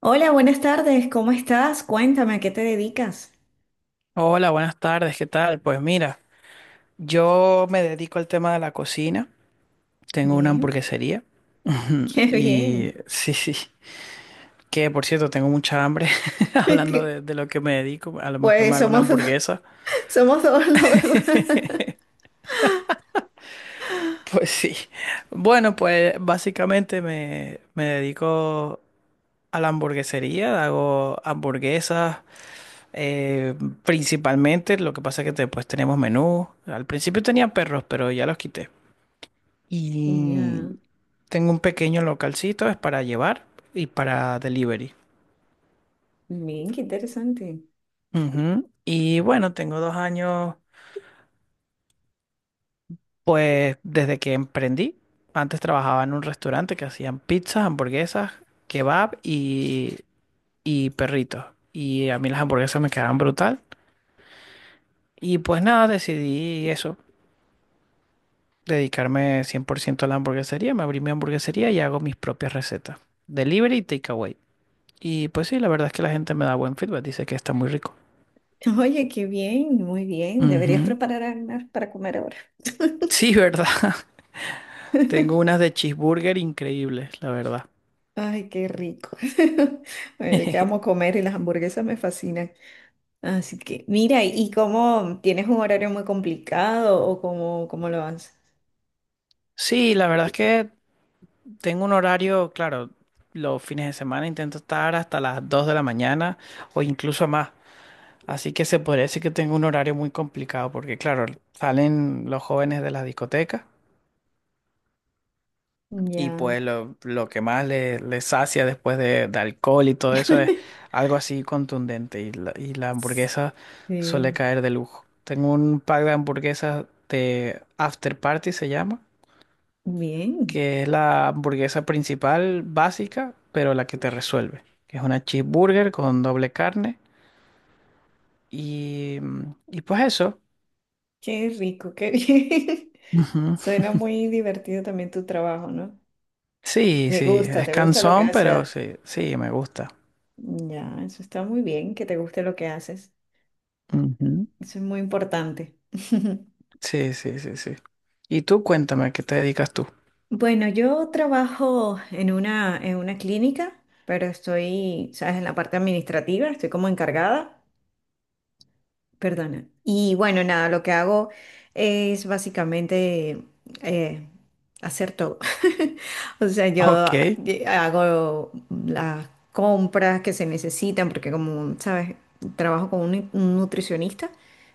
Hola, buenas tardes, ¿cómo estás? Cuéntame, ¿a qué te dedicas? Hola, buenas tardes, ¿qué tal? Pues mira, yo me dedico al tema de la cocina, tengo una Bien, hamburguesería qué bien. y sí, sí, que por cierto tengo mucha hambre. Hablando Qué- de lo que me dedico, a lo mejor me Pues hago una hamburguesa, somos dos, la verdad. pues sí. Bueno, pues básicamente me dedico a la hamburguesería, hago hamburguesas eh, principalmente. Lo que pasa es que después tenemos menú, al principio tenía perros, pero ya los quité. Y Ya, tengo un pequeño localcito, es para llevar y para delivery. bien, qué interesante. Ujú. Y bueno, tengo 2 años, pues desde que emprendí. Antes trabajaba en un restaurante que hacían pizzas, hamburguesas, kebab y perritos. Y a mí las hamburguesas me quedaban brutal. Y pues nada, decidí eso, dedicarme 100% a la hamburguesería. Me abrí mi hamburguesería y hago mis propias recetas. Delivery y takeaway. Y pues sí, la verdad es que la gente me da buen feedback, dice que está muy rico. Oye, qué bien, muy bien. Deberías Ujú. preparar algo para comer ahora. Sí, ¿verdad? Tengo unas de cheeseburger increíbles, la verdad. Ay, qué rico. Oye, que amo comer y las hamburguesas me fascinan. Así que, mira, ¿y cómo tienes un horario muy complicado o cómo lo haces? Sí, la verdad es que tengo un horario, claro, los fines de semana intento estar hasta las 2 de la mañana o incluso más. Así que se podría decir que tengo un horario muy complicado porque, claro, salen los jóvenes de las discotecas. Y Ya. pues lo que más le sacia después de alcohol y todo eso es algo así contundente. Y la hamburguesa suele Sí, caer de lujo. Tengo un pack de hamburguesas de After Party, se llama, bien. que es la hamburguesa principal básica, pero la que te resuelve. Que es una cheeseburger con doble carne. Y, y pues eso. Qué rico, qué bien. Ujú. Suena muy divertido también tu trabajo, ¿no? Sí, sí, es Te gusta lo que cansón, pero haces. sí, sí, me gusta. Ya, eso está muy bien, que te guste lo que haces. Ujú. Eso es muy importante. Sí, sí, sí, sí. Y tú cuéntame, ¿a qué te dedicas tú? Bueno, yo trabajo en una clínica, pero estoy, ¿sabes? En la parte administrativa, estoy como encargada. Perdona. Y bueno, nada, lo que hago es básicamente eh, hacer todo. O sea, Ok, yo hago las compras que se necesitan, porque como, sabes, trabajo con un nutricionista,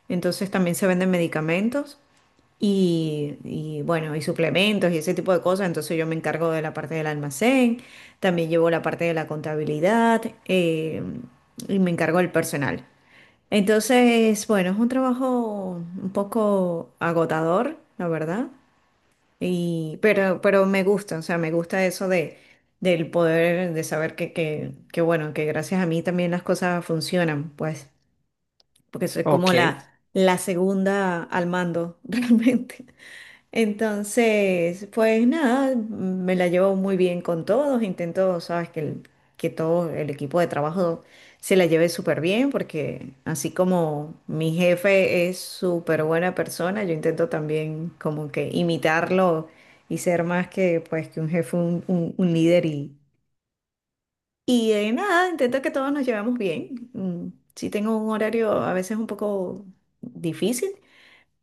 entonces también se venden medicamentos y bueno, y suplementos y ese tipo de cosas. Entonces yo me encargo de la parte del almacén, también llevo la parte de la contabilidad y me encargo del personal. Entonces, bueno, es un trabajo un poco agotador, la verdad, y, pero me gusta, o sea, me gusta eso de, del poder, de saber que, bueno, que gracias a mí también las cosas funcionan, pues, porque soy ok, como la segunda al mando, realmente. Entonces, pues nada, me la llevo muy bien con todos. Intento, sabes, que, que todo el equipo de trabajo se la lleve súper bien, porque así como mi jefe es súper buena persona, yo intento también como que imitarlo y ser más que, pues, que un jefe, un líder. Y nada, intento que todos nos llevemos bien. Sí tengo un horario a veces un poco difícil,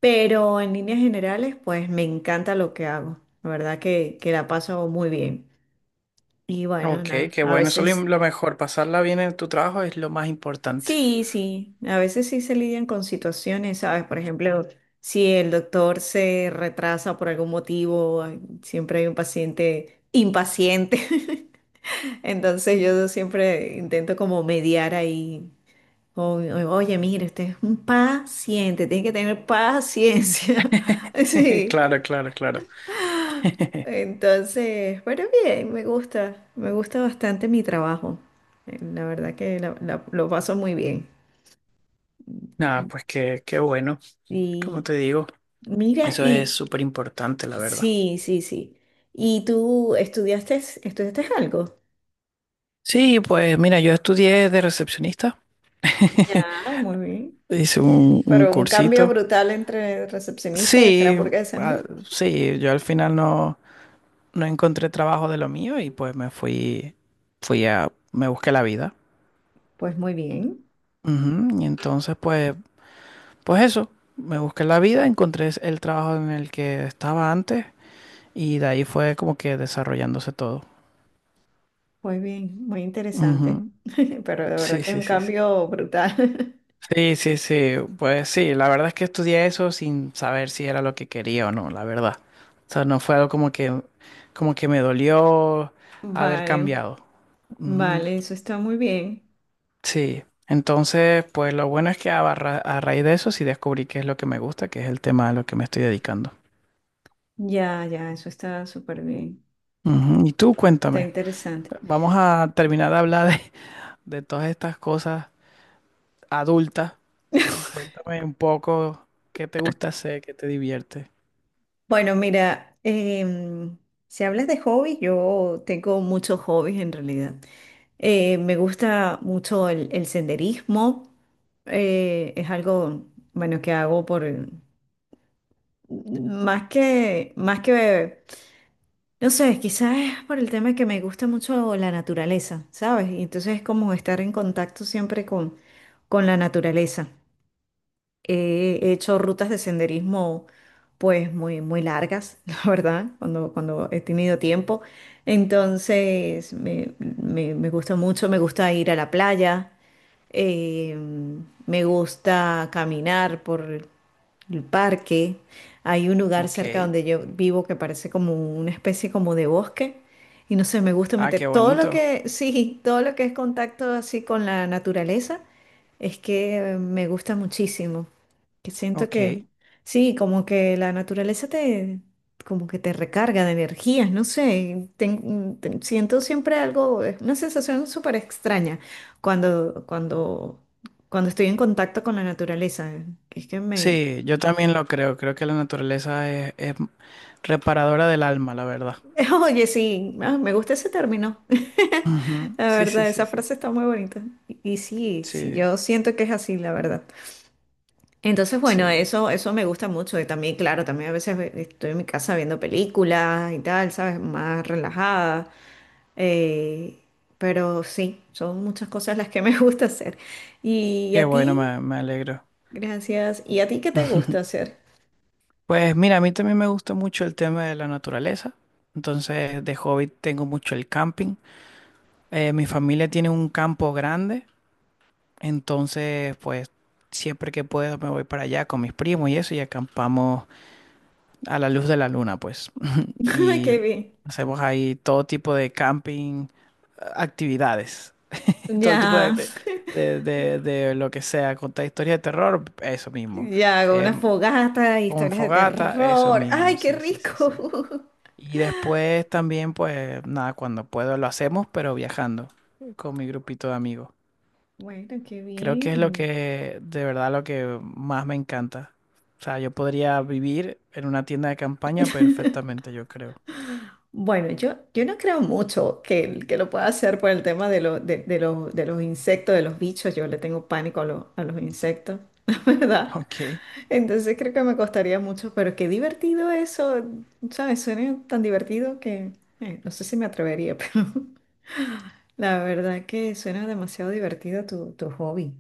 pero en líneas generales, pues me encanta lo que hago. La verdad que la paso muy bien. Y bueno, ok, nada, qué a bueno. Eso es veces lo mejor. Pasarla bien en tu trabajo es lo más importante. sí, sí, a veces sí se lidian con situaciones, ¿sabes? Por ejemplo, si el doctor se retrasa por algún motivo, hay- siempre hay un paciente impaciente. Entonces yo siempre intento como mediar ahí. Oye, mire, usted es un paciente, tiene que tener paciencia. Sí, Claro, claro, claro. entonces, bueno, bien, me gusta bastante mi trabajo. La verdad que lo paso muy bien. Nada, pues qué, qué bueno. Como Y te digo, mira, eso es y súper importante, la verdad. sí, sí, sí. ¿Y tú estudiaste algo? Sí, pues mira, yo estudié de recepcionista. Ya. Ah, muy bien. Hice un Pero un cambio cursito. brutal entre recepcionista y hacer Sí, hamburguesas, ¿no? ah, sí, yo al final no. No encontré trabajo de lo mío y pues me fui, me busqué la vida. Pues muy bien, Ujú. Y entonces pues, pues eso, me busqué la vida, encontré el trabajo en el que estaba antes y de ahí fue como que desarrollándose todo. muy bien, muy interesante. Ujú. Pero de verdad Sí, que es sí, un sí, sí. cambio brutal. Sí, sí, sí. Pues sí, la verdad es que estudié eso sin saber si era lo que quería o no, la verdad. O sea, no fue algo como que me dolió haber Vale, cambiado. Ujú. vale, eso está muy bien. Sí, entonces, pues lo bueno es que a raíz de eso sí descubrí qué es lo que me gusta, que es el tema a lo que me estoy dedicando. Ya, ya, eso está súper bien. Ujú. Y tú, Está cuéntame. interesante. Vamos a terminar de hablar de todas estas cosas adultas y cuéntame un poco qué te gusta hacer, qué te divierte. Bueno, mira, si hablas de hobbies, yo tengo muchos hobbies en realidad. Me gusta mucho el senderismo. Es algo, bueno, que hago por, más que, no sé, quizás es por el tema que me gusta mucho la naturaleza, ¿sabes? Y entonces es como estar en contacto siempre con la naturaleza. He hecho rutas de senderismo pues muy, muy largas, la verdad, cuando he tenido tiempo. Entonces me gusta mucho, me gusta ir a la playa, eh, me gusta caminar por, el parque. Hay un lugar Ok. cerca donde yo vivo que parece como una especie como de bosque. Y no sé, me gusta Ah, qué meter todo lo bonito. que, sí, todo lo que es contacto así con la naturaleza, es que me gusta muchísimo. Que siento que, Ok. sí, como que la naturaleza te, como que te recarga de energías, no sé. Siento siempre algo, es una sensación súper extraña cuando, cuando, cuando estoy en contacto con la naturaleza. Es que me, Sí, yo también lo creo. Creo que la naturaleza es reparadora del alma, la verdad. oye, sí, ah, me gusta ese término. Ujú. La Sí, sí, verdad, sí, esa sí. frase está muy bonita. Y sí, sí, Sí, yo siento que es así, la verdad. Entonces, bueno, sí. eso me gusta mucho. Y también, claro, también a veces estoy en mi casa viendo películas y tal, ¿sabes? Más relajada. Eh, pero sí, son muchas cosas las que me gusta hacer. Y Qué a bueno, ti, me alegro. gracias. ¿Y a ti qué te gusta hacer? Pues mira, a mí también me gusta mucho el tema de la naturaleza. Entonces, de hobby tengo mucho el camping. Mi familia tiene un campo grande, entonces, pues siempre que puedo me voy para allá con mis primos y eso y acampamos a la luz de la luna, pues. Ay, Y qué bien. hacemos ahí todo tipo de camping, actividades, todo el tipo Ya. De lo que sea, contar historias de terror, eso mismo. Ya, hago Eh, una fogata, con historias de fogata, eso terror. mismo, ¡Ay, qué sí, sí, sí, rico! sí. Y después también, pues nada, cuando puedo lo hacemos, pero viajando con mi grupito de amigos. Bueno, qué Creo que es lo bien. que, de verdad, lo que más me encanta. O sea, yo podría vivir en una tienda de campaña perfectamente, yo creo. Bueno, yo no creo mucho que lo pueda hacer por el tema de, de los insectos, de los bichos. Yo le tengo pánico a los insectos, la verdad. Ok. Entonces creo que me costaría mucho, pero qué divertido eso. ¿Sabes? Suena tan divertido que no sé si me atrevería, pero la verdad que suena demasiado divertido tu hobby.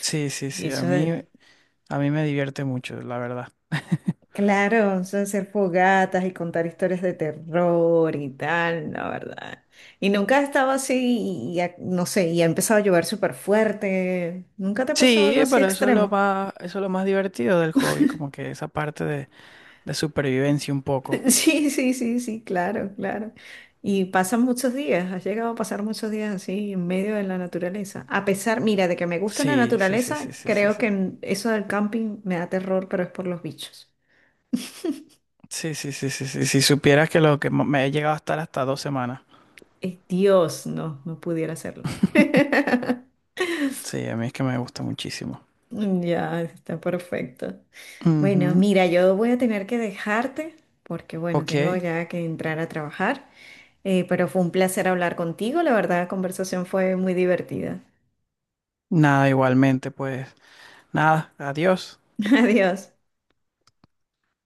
Sí, sí, Y sí, a eso mí, de a mí me divierte mucho, la verdad. claro, son hacer fogatas y contar historias de terror y tal, la verdad. Y nunca ha estado así, y ha- no sé, y ha empezado a llover súper fuerte. ¿Nunca te ha pasado algo Sí, así pero eso es lo extremo? más, eso es lo más divertido del hobby, como que esa parte de supervivencia un poco. Sí, sí, sí, sí, claro, claro. Y pasan muchos días, has llegado a pasar muchos días así en medio de la naturaleza. A pesar, mira, de que me gusta la Sí, sí, sí, naturaleza, sí, sí, sí, creo sí. que eso del camping me da terror, pero es por los bichos. Sí, sí, sí, sí, sí. Si supieras que lo que me he llegado a estar hasta 2 semanas. Es Dios, no, no pudiera hacerlo. Sí, a mí es que me gusta muchísimo. Mm, ya, está perfecto. Bueno, Ujú. mira, yo voy a tener que dejarte porque, bueno, Ok. tengo ya que entrar a trabajar. Pero fue un placer hablar contigo, la verdad, la conversación fue muy divertida. Nada, igualmente, pues. Nada, adiós. Adiós.